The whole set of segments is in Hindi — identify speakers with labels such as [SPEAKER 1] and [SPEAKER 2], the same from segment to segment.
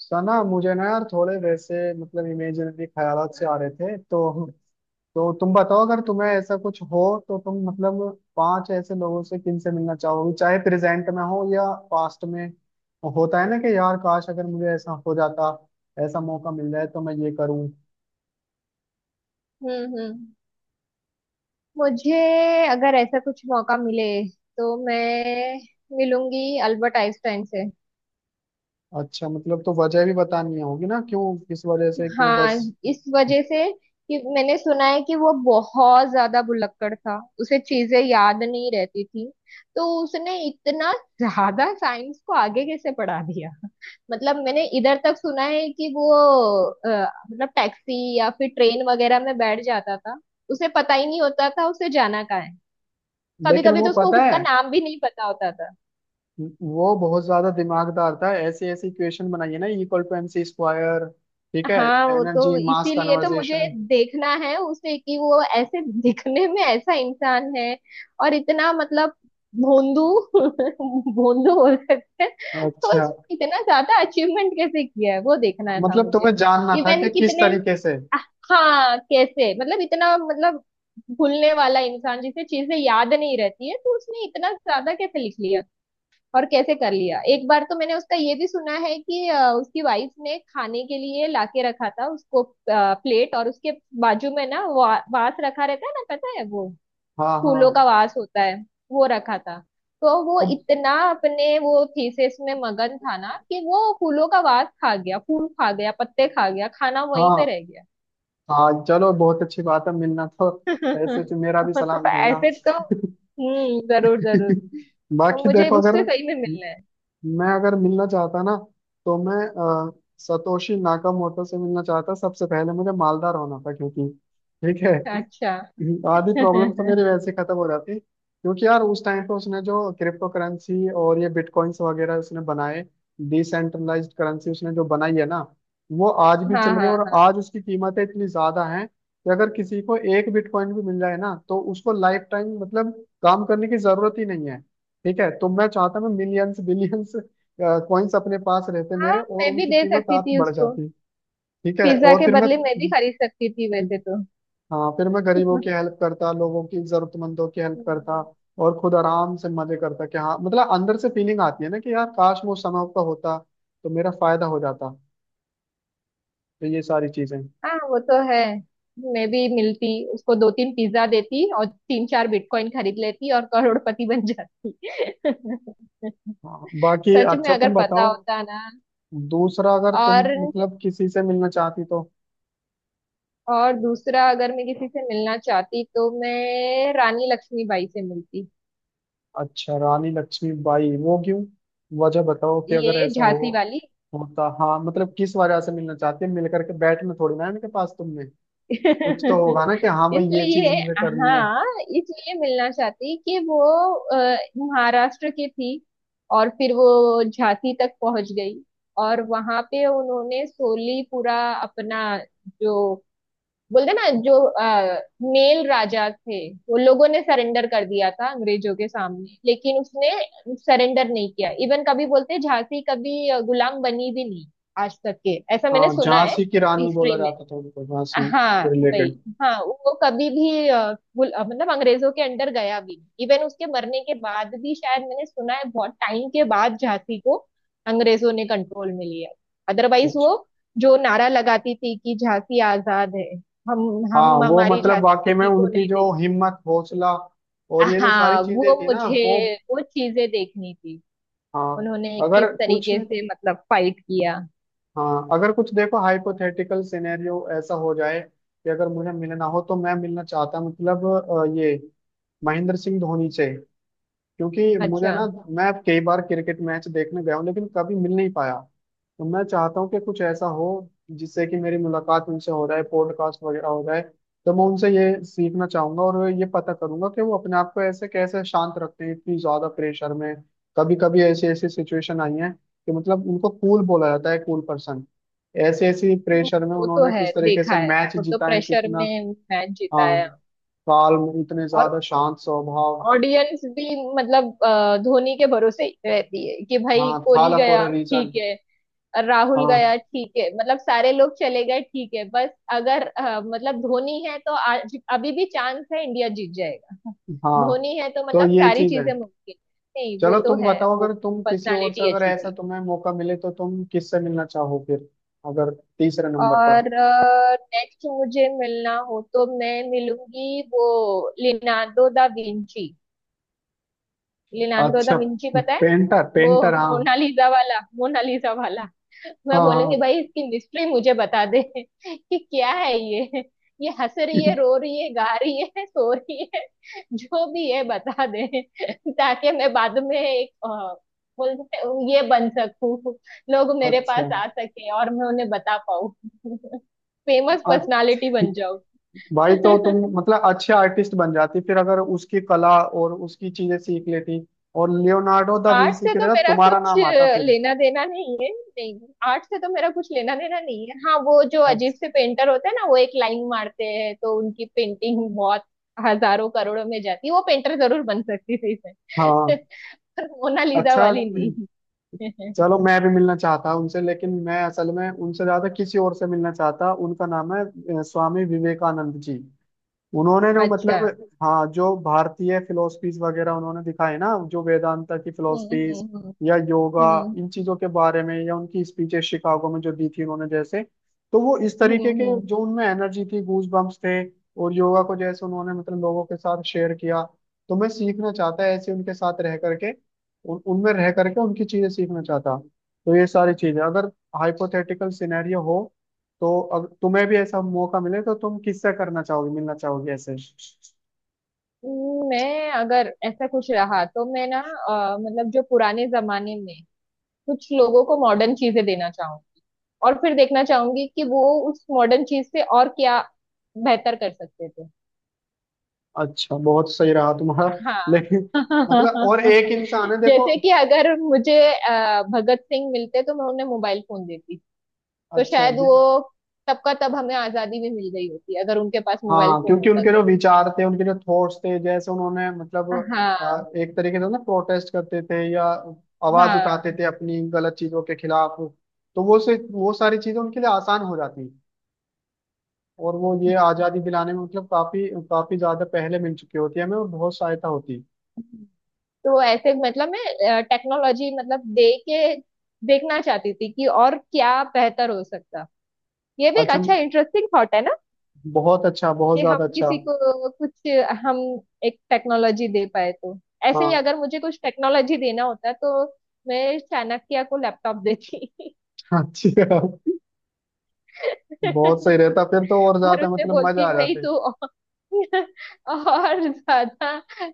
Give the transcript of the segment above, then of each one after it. [SPEAKER 1] सना, मुझे ना यार थोड़े वैसे इमेजिनरी ख्यालात से आ रहे थे। तो तुम बताओ, अगर तुम्हें ऐसा कुछ हो तो तुम 5 ऐसे लोगों से किनसे मिलना चाहोगी, चाहे प्रेजेंट में हो या पास्ट में। होता है ना कि यार काश अगर मुझे ऐसा हो जाता, ऐसा मौका मिल जाए तो मैं ये करूं।
[SPEAKER 2] हम्म हम्म। मुझे अगर ऐसा कुछ मौका मिले तो मैं मिलूंगी अल्बर्ट आइंस्टाइन से।
[SPEAKER 1] अच्छा, तो वजह भी बतानी होगी ना, क्यों, किस वजह से, क्यों
[SPEAKER 2] हाँ,
[SPEAKER 1] बस।
[SPEAKER 2] इस वजह से कि मैंने सुना है कि वो बहुत ज्यादा भुलक्कड़ था, उसे चीजें याद नहीं रहती थी। तो उसने इतना ज्यादा साइंस को आगे कैसे पढ़ा दिया? मतलब मैंने इधर तक सुना है कि वो अ, मतलब टैक्सी या फिर ट्रेन वगैरह में बैठ जाता था, उसे पता ही नहीं होता था उसे जाना कहाँ है। कभी
[SPEAKER 1] लेकिन
[SPEAKER 2] कभी
[SPEAKER 1] वो
[SPEAKER 2] तो उसको
[SPEAKER 1] पता
[SPEAKER 2] खुद का
[SPEAKER 1] है,
[SPEAKER 2] नाम भी नहीं पता होता था।
[SPEAKER 1] वो बहुत ज्यादा दिमागदार था, ऐसे ऐसे इक्वेशन बनाई है ना, equal to M C square. ठीक है,
[SPEAKER 2] हाँ वो तो
[SPEAKER 1] एनर्जी मास
[SPEAKER 2] इसीलिए तो मुझे
[SPEAKER 1] कन्वर्जेशन।
[SPEAKER 2] देखना है उसे कि वो ऐसे दिखने में ऐसा इंसान है और इतना मतलब भोंदू भोंदू बोल सकते हैं। तो
[SPEAKER 1] अच्छा,
[SPEAKER 2] उसने इतना ज्यादा अचीवमेंट कैसे किया है, वो देखना था मुझे।
[SPEAKER 1] तुम्हें जानना था
[SPEAKER 2] इवन
[SPEAKER 1] कि किस
[SPEAKER 2] कितने,
[SPEAKER 1] तरीके से।
[SPEAKER 2] हाँ कैसे मतलब इतना मतलब भूलने वाला इंसान जिसे चीजें याद नहीं रहती है, तो उसने इतना ज्यादा कैसे लिख लिया और कैसे कर लिया। एक बार तो मैंने उसका ये भी सुना है कि उसकी वाइफ ने खाने के लिए लाके रखा था उसको प्लेट, और उसके बाजू में ना वास रखा रहता है ना, पता है वो
[SPEAKER 1] हाँ
[SPEAKER 2] फूलों का
[SPEAKER 1] हाँ।
[SPEAKER 2] वास होता है, वो रखा था। तो वो
[SPEAKER 1] अब
[SPEAKER 2] इतना अपने वो थीसिस में मगन था ना कि वो फूलों का वास खा गया, फूल खा गया, पत्ते खा गया, खाना वहीं पे
[SPEAKER 1] हाँ
[SPEAKER 2] रह गया।
[SPEAKER 1] हाँ, चलो बहुत अच्छी बात है, मिलना तो। ऐसे तो मेरा
[SPEAKER 2] तो
[SPEAKER 1] भी
[SPEAKER 2] मतलब
[SPEAKER 1] सलाम कहना।
[SPEAKER 2] ऐसे तो जरूर जरूर। तो
[SPEAKER 1] बाकी
[SPEAKER 2] मुझे
[SPEAKER 1] देखो, अगर
[SPEAKER 2] उससे सही में मिलना है।
[SPEAKER 1] मैं अगर मिलना चाहता ना तो मैं अ, सतोशी नाकामोटो से मिलना चाहता। सबसे पहले मुझे मालदार होना था, क्योंकि ठीक है।
[SPEAKER 2] अच्छा।
[SPEAKER 1] आधी प्रॉब्लम तो मेरी वैसे खत्म हो जाती, क्योंकि यार उस टाइम पे उसने जो क्रिप्टो करेंसी और ये बिटकॉइंस वगैरह उसने बनाए। डिसेंट्रलाइज्ड करेंसी उसने जो बनाई है ना, वो आज भी
[SPEAKER 2] हाँ
[SPEAKER 1] चल रही है, और
[SPEAKER 2] हाँ।
[SPEAKER 1] आज उसकी कीमतें इतनी ज्यादा हैं कि अगर किसी को एक बिटकॉइन भी मिल जाए ना तो उसको लाइफ टाइम काम करने की जरूरत ही नहीं है। ठीक है, तो मैं चाहता मैं मिलियंस बिलियंस कॉइन्स अपने पास रहते
[SPEAKER 2] हाँ
[SPEAKER 1] मेरे, और
[SPEAKER 2] मैं भी
[SPEAKER 1] उनकी
[SPEAKER 2] दे
[SPEAKER 1] कीमत
[SPEAKER 2] सकती
[SPEAKER 1] आप
[SPEAKER 2] थी
[SPEAKER 1] बढ़
[SPEAKER 2] उसको,
[SPEAKER 1] जाती। ठीक है,
[SPEAKER 2] पिज्जा
[SPEAKER 1] और
[SPEAKER 2] के
[SPEAKER 1] फिर
[SPEAKER 2] बदले मैं भी खरीद सकती थी
[SPEAKER 1] मैं
[SPEAKER 2] वैसे तो।
[SPEAKER 1] हाँ फिर मैं गरीबों की हेल्प करता, लोगों की, जरूरतमंदों की हेल्प करता,
[SPEAKER 2] हम्म।
[SPEAKER 1] और खुद आराम से मजे करता। कि हाँ अंदर से फीलिंग आती है ना कि यार काश मैं उस समय पर होता तो मेरा फायदा हो जाता। तो ये सारी चीजें।
[SPEAKER 2] हाँ वो तो है, मैं भी मिलती उसको दो तीन पिज्जा देती और तीन चार बिटकॉइन खरीद लेती और करोड़पति बन जाती।
[SPEAKER 1] हाँ, बाकी
[SPEAKER 2] सच में
[SPEAKER 1] अच्छा तुम
[SPEAKER 2] अगर पता
[SPEAKER 1] बताओ,
[SPEAKER 2] होता ना।
[SPEAKER 1] दूसरा अगर तुम
[SPEAKER 2] और
[SPEAKER 1] किसी से मिलना चाहती तो।
[SPEAKER 2] और दूसरा अगर मैं किसी से मिलना चाहती तो मैं रानी लक्ष्मीबाई से मिलती।
[SPEAKER 1] अच्छा, रानी लक्ष्मीबाई, वो क्यों? वजह बताओ कि अगर
[SPEAKER 2] ये
[SPEAKER 1] ऐसा हो
[SPEAKER 2] झांसी वाली।
[SPEAKER 1] होता, हाँ, किस वजह से मिलना चाहती है, मिल करके बैठना थोड़ी ना है इनके पास तुमने। कुछ तो होगा ना कि हाँ भाई, ये चीज
[SPEAKER 2] इसलिए,
[SPEAKER 1] मुझे करनी है।
[SPEAKER 2] हाँ, इसलिए मिलना चाहती कि वो अ, महाराष्ट्र की थी और फिर वो झांसी तक पहुंच गई। और वहां पे उन्होंने सोली पूरा अपना जो बोलते ना जो मेल राजा थे, वो लोगों ने सरेंडर कर दिया था अंग्रेजों के सामने, लेकिन उसने सरेंडर नहीं किया। इवन कभी बोलते झांसी कभी गुलाम बनी भी नहीं आज तक के, ऐसा मैंने
[SPEAKER 1] हाँ,
[SPEAKER 2] सुना है
[SPEAKER 1] झांसी की रानी बोला
[SPEAKER 2] हिस्ट्री में।
[SPEAKER 1] जाता था उनको, झांसी
[SPEAKER 2] हाँ
[SPEAKER 1] से
[SPEAKER 2] वही।
[SPEAKER 1] रिलेटेड
[SPEAKER 2] हाँ वो कभी भी मतलब अंग्रेजों के अंडर गया भी नहीं। इवन उसके मरने के बाद भी शायद मैंने सुना है बहुत टाइम के बाद झांसी को अंग्रेजों ने कंट्रोल में लिया। अदरवाइज
[SPEAKER 1] कुछ।
[SPEAKER 2] वो जो नारा लगाती थी कि झांसी आजाद है, हम
[SPEAKER 1] हाँ,
[SPEAKER 2] हम
[SPEAKER 1] वो
[SPEAKER 2] हमारी झांसी
[SPEAKER 1] वाकई में
[SPEAKER 2] किसी को
[SPEAKER 1] उनकी
[SPEAKER 2] नहीं
[SPEAKER 1] जो
[SPEAKER 2] देंगे।
[SPEAKER 1] हिम्मत, हौसला, और ये जो सारी
[SPEAKER 2] हाँ
[SPEAKER 1] चीजें
[SPEAKER 2] वो
[SPEAKER 1] थी ना, वो।
[SPEAKER 2] मुझे वो चीजें देखनी थी,
[SPEAKER 1] हाँ
[SPEAKER 2] उन्होंने किस
[SPEAKER 1] अगर कुछ
[SPEAKER 2] तरीके से मतलब फाइट किया।
[SPEAKER 1] हाँ, अगर कुछ देखो, हाइपोथेटिकल सिनेरियो ऐसा हो जाए कि अगर मुझे मिलना हो तो मैं मिलना चाहता ये महेंद्र सिंह धोनी से। क्योंकि मुझे
[SPEAKER 2] अच्छा।
[SPEAKER 1] ना, मैं कई बार क्रिकेट मैच देखने गया हूँ, लेकिन कभी मिल नहीं पाया। तो मैं चाहता हूँ कि कुछ ऐसा हो जिससे कि मेरी मुलाकात उनसे हो जाए, पॉडकास्ट वगैरह हो जाए। तो मैं उनसे ये सीखना चाहूंगा और ये पता करूंगा कि वो अपने आप को ऐसे कैसे शांत रखते हैं इतनी ज्यादा प्रेशर में। कभी कभी ऐसी ऐसी सिचुएशन आई है कि उनको कूल बोला जाता है, कूल पर्सन। ऐसे ऐसी प्रेशर में
[SPEAKER 2] वो तो
[SPEAKER 1] उन्होंने
[SPEAKER 2] है,
[SPEAKER 1] किस तरीके
[SPEAKER 2] देखा
[SPEAKER 1] से
[SPEAKER 2] है
[SPEAKER 1] मैच
[SPEAKER 2] वो तो
[SPEAKER 1] जीता है,
[SPEAKER 2] प्रेशर
[SPEAKER 1] कितना।
[SPEAKER 2] में मैच जीता
[SPEAKER 1] हाँ,
[SPEAKER 2] है।
[SPEAKER 1] काल, इतने
[SPEAKER 2] और
[SPEAKER 1] ज्यादा शांत स्वभाव।
[SPEAKER 2] ऑडियंस भी मतलब धोनी के भरोसे ही रहती है कि भाई
[SPEAKER 1] हाँ,
[SPEAKER 2] कोहली
[SPEAKER 1] था फॉर
[SPEAKER 2] गया
[SPEAKER 1] अ रीजन।
[SPEAKER 2] ठीक है, राहुल
[SPEAKER 1] हाँ
[SPEAKER 2] गया ठीक है, मतलब सारे लोग चले गए ठीक है, बस अगर मतलब धोनी है तो आज अभी भी चांस है, इंडिया जीत जाएगा।
[SPEAKER 1] हाँ,
[SPEAKER 2] धोनी है तो
[SPEAKER 1] तो
[SPEAKER 2] मतलब
[SPEAKER 1] ये
[SPEAKER 2] सारी
[SPEAKER 1] चीज है।
[SPEAKER 2] चीजें मुमकिन है। नहीं वो
[SPEAKER 1] चलो
[SPEAKER 2] तो
[SPEAKER 1] तुम
[SPEAKER 2] है,
[SPEAKER 1] बताओ,
[SPEAKER 2] वो
[SPEAKER 1] अगर तुम किसी और से
[SPEAKER 2] पर्सनालिटी
[SPEAKER 1] अगर
[SPEAKER 2] अच्छी
[SPEAKER 1] ऐसा
[SPEAKER 2] थी।
[SPEAKER 1] तुम्हें मौका मिले तो तुम किससे मिलना चाहो फिर, अगर तीसरे नंबर पर।
[SPEAKER 2] और नेक्स्ट मुझे मिलना हो तो मैं मिलूंगी वो Leonardo da Vinci. Leonardo da
[SPEAKER 1] अच्छा,
[SPEAKER 2] विंची, पता है
[SPEAKER 1] पेंटर,
[SPEAKER 2] वो
[SPEAKER 1] पेंटर हाँ,
[SPEAKER 2] मोनालिसा वाला, मोनालिसा वाला। मैं
[SPEAKER 1] हाँ
[SPEAKER 2] बोलूंगी
[SPEAKER 1] हाँ।
[SPEAKER 2] भाई इसकी मिस्ट्री मुझे बता दे कि क्या है ये हंस रही है, रो रही है, गा रही है, सो रही है, जो भी है बता दे ताकि मैं बाद में एक बोलते हैं, ये बन सकूं, लोग मेरे
[SPEAKER 1] अच्छा।
[SPEAKER 2] पास आ सके और मैं उन्हें बता पाऊं। फेमस
[SPEAKER 1] अ-
[SPEAKER 2] पर्सनालिटी बन जाऊं।
[SPEAKER 1] भाई, तो तुम अच्छे आर्टिस्ट बन जाती फिर, अगर उसकी कला और उसकी चीजें सीख लेती, और लियोनार्डो दा
[SPEAKER 2] आर्ट
[SPEAKER 1] विंसी
[SPEAKER 2] से
[SPEAKER 1] की
[SPEAKER 2] तो
[SPEAKER 1] जगह
[SPEAKER 2] मेरा
[SPEAKER 1] तुम्हारा
[SPEAKER 2] कुछ
[SPEAKER 1] नाम आता फिर।
[SPEAKER 2] लेना देना नहीं है। नहीं आर्ट से तो मेरा कुछ लेना देना नहीं है। हाँ वो जो अजीब
[SPEAKER 1] अच्छा।
[SPEAKER 2] से पेंटर होते हैं ना वो एक लाइन मारते हैं तो उनकी पेंटिंग बहुत हजारों करोड़ों में जाती है, वो पेंटर जरूर बन सकती थी इसमें
[SPEAKER 1] हाँ,
[SPEAKER 2] पर मोनालिसा
[SPEAKER 1] अच्छा,
[SPEAKER 2] वाली नहीं।
[SPEAKER 1] चलो मैं भी मिलना चाहता हूँ उनसे, लेकिन मैं असल में उनसे ज्यादा किसी और से मिलना चाहता, उनका नाम है स्वामी विवेकानंद जी। उन्होंने जो
[SPEAKER 2] अच्छा।
[SPEAKER 1] हाँ, जो भारतीय फिलोसफीज वगैरह उन्होंने दिखाए ना, जो वेदांता की फिलोसफीज
[SPEAKER 2] हम्म।
[SPEAKER 1] या योगा,
[SPEAKER 2] हम्म
[SPEAKER 1] इन चीजों के बारे में, या उनकी स्पीचेस शिकागो में जो दी थी उन्होंने, जैसे। तो वो इस
[SPEAKER 2] हम्म।
[SPEAKER 1] तरीके के,
[SPEAKER 2] हम्म।
[SPEAKER 1] जो उनमें एनर्जी थी, गूज बम्प्स थे। और योगा को जैसे उन्होंने लोगों के साथ शेयर किया। तो मैं सीखना चाहता ऐसे उनके साथ रह करके, उन उनमें रह करके उनकी चीजें सीखना चाहता। तो ये सारी चीजें, अगर हाइपोथेटिकल सिनेरियो हो, तो अगर तुम्हें भी ऐसा मौका मिले तो तुम किससे करना चाहोगी, मिलना चाहोगी ऐसे।
[SPEAKER 2] हम्म। मैं अगर ऐसा कुछ रहा तो मैं ना मतलब जो पुराने जमाने में कुछ लोगों को मॉडर्न चीजें देना चाहूंगी और फिर देखना चाहूंगी कि वो उस मॉडर्न चीज से और क्या बेहतर कर सकते थे।
[SPEAKER 1] अच्छा, बहुत सही रहा तुम्हारा।
[SPEAKER 2] हाँ।
[SPEAKER 1] लेकिन और एक इंसान है देखो।
[SPEAKER 2] जैसे कि अगर मुझे भगत सिंह मिलते तो मैं उन्हें मोबाइल फोन देती, तो
[SPEAKER 1] अच्छा
[SPEAKER 2] शायद
[SPEAKER 1] जी।
[SPEAKER 2] वो तब का तब हमें आजादी भी मिल गई होती अगर उनके पास मोबाइल
[SPEAKER 1] हाँ,
[SPEAKER 2] फोन
[SPEAKER 1] क्योंकि
[SPEAKER 2] होता
[SPEAKER 1] उनके
[SPEAKER 2] तो।
[SPEAKER 1] जो विचार थे, उनके जो थॉट्स थे, जैसे उन्होंने
[SPEAKER 2] हाँ
[SPEAKER 1] एक तरीके से ना प्रोटेस्ट करते थे या आवाज उठाते
[SPEAKER 2] हाँ।
[SPEAKER 1] थे अपनी गलत चीजों के खिलाफ। तो वो सारी चीजें उनके लिए आसान हो जाती, और वो ये आजादी दिलाने में काफी काफी ज्यादा पहले मिल चुकी होती है हमें, और बहुत सहायता होती।
[SPEAKER 2] तो ऐसे मतलब मैं टेक्नोलॉजी मतलब दे के देखना चाहती थी कि और क्या बेहतर हो सकता। ये भी एक
[SPEAKER 1] अच्छा,
[SPEAKER 2] अच्छा इंटरेस्टिंग थॉट है ना
[SPEAKER 1] बहुत अच्छा, बहुत
[SPEAKER 2] कि
[SPEAKER 1] ज्यादा
[SPEAKER 2] हम
[SPEAKER 1] अच्छा।
[SPEAKER 2] किसी को कुछ हम एक टेक्नोलॉजी दे पाए तो। ऐसे ही
[SPEAKER 1] हाँ,
[SPEAKER 2] अगर मुझे कुछ टेक्नोलॉजी देना होता तो मैं चाणक्य को लैपटॉप देती।
[SPEAKER 1] अच्छी है, बहुत सही रहता फिर तो, और
[SPEAKER 2] और
[SPEAKER 1] ज्यादा
[SPEAKER 2] उसे
[SPEAKER 1] मजा
[SPEAKER 2] बोलती
[SPEAKER 1] आ
[SPEAKER 2] भाई
[SPEAKER 1] जाते।
[SPEAKER 2] तू और और ज्यादा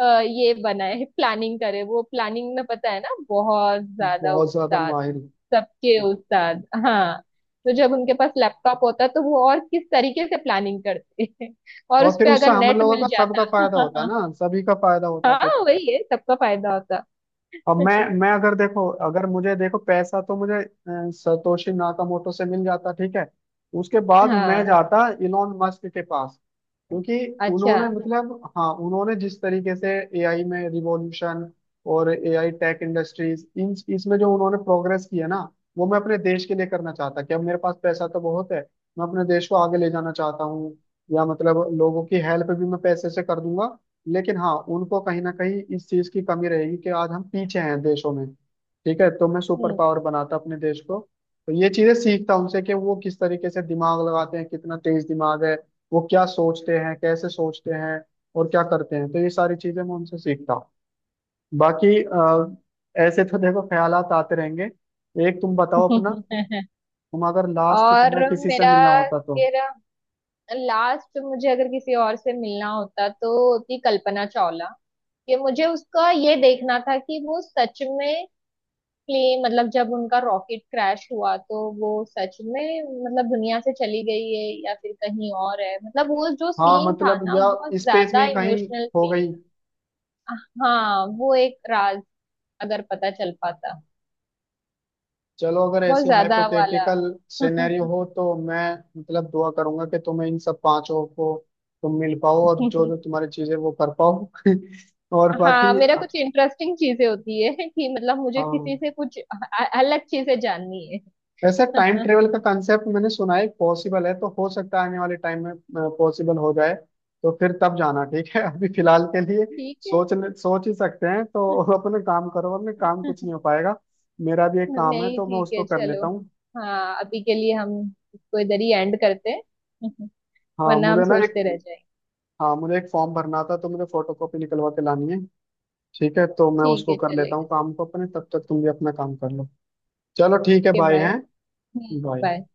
[SPEAKER 2] ये बनाए, प्लानिंग करे। वो प्लानिंग में पता है ना बहुत ज्यादा
[SPEAKER 1] बहुत ज्यादा
[SPEAKER 2] उस्ताद,
[SPEAKER 1] माहिर।
[SPEAKER 2] सबके उस्ताद। हाँ तो जब उनके पास लैपटॉप होता तो वो और किस तरीके से प्लानिंग करते और
[SPEAKER 1] और
[SPEAKER 2] उस
[SPEAKER 1] फिर
[SPEAKER 2] पे
[SPEAKER 1] उससे
[SPEAKER 2] अगर
[SPEAKER 1] हम
[SPEAKER 2] नेट
[SPEAKER 1] लोगों
[SPEAKER 2] मिल
[SPEAKER 1] का, सबका फायदा होता
[SPEAKER 2] जाता।
[SPEAKER 1] ना, सभी का फायदा होता फिर।
[SPEAKER 2] हाँ वही है, सबका फायदा होता।
[SPEAKER 1] अब मैं मैं अगर देखो, अगर मुझे देखो पैसा तो मुझे सतोशी नाकामोटो से मिल जाता, ठीक है। उसके बाद मैं
[SPEAKER 2] हाँ।
[SPEAKER 1] जाता इलोन मस्क के पास, क्योंकि
[SPEAKER 2] अच्छा।
[SPEAKER 1] उन्होंने हाँ, उन्होंने जिस तरीके से एआई में रिवॉल्यूशन और एआई टेक इंडस्ट्रीज इन इसमें जो उन्होंने प्रोग्रेस की है ना, वो मैं अपने देश के लिए करना चाहता। कि अब मेरे पास पैसा तो बहुत है, मैं अपने देश को आगे ले जाना चाहता हूँ, या लोगों की हेल्प भी मैं पैसे से कर दूंगा, लेकिन हाँ, उनको कहीं ना कहीं इस चीज की कमी रहेगी कि आज हम पीछे हैं देशों में। ठीक है, तो मैं सुपर
[SPEAKER 2] हम्म।
[SPEAKER 1] पावर बनाता अपने देश को। तो ये चीजें सीखता उनसे कि वो किस तरीके से दिमाग लगाते हैं, कितना तेज दिमाग है, वो क्या सोचते हैं, कैसे सोचते हैं, और क्या करते हैं। तो ये सारी चीजें मैं उनसे सीखता हूँ। बाकी ऐसे तो देखो ख्यालात आते रहेंगे। एक तुम बताओ अपना, तुम अगर लास्ट
[SPEAKER 2] और
[SPEAKER 1] तुम्हें किसी से
[SPEAKER 2] मेरा
[SPEAKER 1] मिलना होता तो।
[SPEAKER 2] मेरा लास्ट मुझे अगर किसी और से मिलना होता तो होती कल्पना चावला। कि मुझे उसका ये देखना था कि वो सच में एग्जैक्टली मतलब जब उनका रॉकेट क्रैश हुआ तो वो सच में मतलब दुनिया से चली गई है या फिर कहीं और है, मतलब वो जो
[SPEAKER 1] हाँ,
[SPEAKER 2] सीन था ना
[SPEAKER 1] या
[SPEAKER 2] बहुत
[SPEAKER 1] स्पेस में
[SPEAKER 2] ज्यादा
[SPEAKER 1] ही कहीं
[SPEAKER 2] इमोशनल
[SPEAKER 1] हो
[SPEAKER 2] सीन
[SPEAKER 1] गई।
[SPEAKER 2] था। हाँ वो एक राज अगर पता चल पाता,
[SPEAKER 1] चलो, अगर
[SPEAKER 2] बहुत
[SPEAKER 1] ऐसे
[SPEAKER 2] ज्यादा वाला।
[SPEAKER 1] हाइपोथेटिकल सिनेरियो हो, तो मैं दुआ करूंगा कि तुम्हें इन सब पांचों को तुम मिल पाओ और जो जो तुम्हारी चीजें वो कर पाओ। और
[SPEAKER 2] हाँ
[SPEAKER 1] बाकी,
[SPEAKER 2] मेरा कुछ इंटरेस्टिंग चीजें होती है कि मतलब मुझे किसी
[SPEAKER 1] हाँ,
[SPEAKER 2] से कुछ अलग चीजें जाननी है।
[SPEAKER 1] वैसे टाइम ट्रेवल का कंसेप्ट मैंने सुना है पॉसिबल है, तो हो सकता है आने वाले टाइम में पॉसिबल हो जाए। तो फिर तब जाना, ठीक है। अभी फिलहाल के लिए
[SPEAKER 2] ठीक है।
[SPEAKER 1] सोच सोच ही सकते हैं तो। अपने काम करो, अपने काम, कुछ नहीं हो पाएगा। मेरा भी एक काम है
[SPEAKER 2] नहीं
[SPEAKER 1] तो मैं
[SPEAKER 2] ठीक
[SPEAKER 1] उसको
[SPEAKER 2] है,
[SPEAKER 1] कर
[SPEAKER 2] चलो।
[SPEAKER 1] लेता हूँ।
[SPEAKER 2] हाँ अभी के लिए हम इसको इधर ही एंड करते हैं।
[SPEAKER 1] हाँ
[SPEAKER 2] वरना हम
[SPEAKER 1] मुझे ना एक
[SPEAKER 2] सोचते रह जाएंगे।
[SPEAKER 1] हाँ, मुझे एक फॉर्म भरना था, तो मुझे फोटो कॉपी निकलवा के लानी है। ठीक है, तो मैं
[SPEAKER 2] ठीक
[SPEAKER 1] उसको
[SPEAKER 2] है,
[SPEAKER 1] कर लेता
[SPEAKER 2] चलेगा।
[SPEAKER 1] हूँ काम को अपने, तब तक तुम भी अपना काम कर लो। चलो ठीक है,
[SPEAKER 2] ओके
[SPEAKER 1] बाय,
[SPEAKER 2] बाय।
[SPEAKER 1] हैं,
[SPEAKER 2] हम्म। बाय।
[SPEAKER 1] बाय।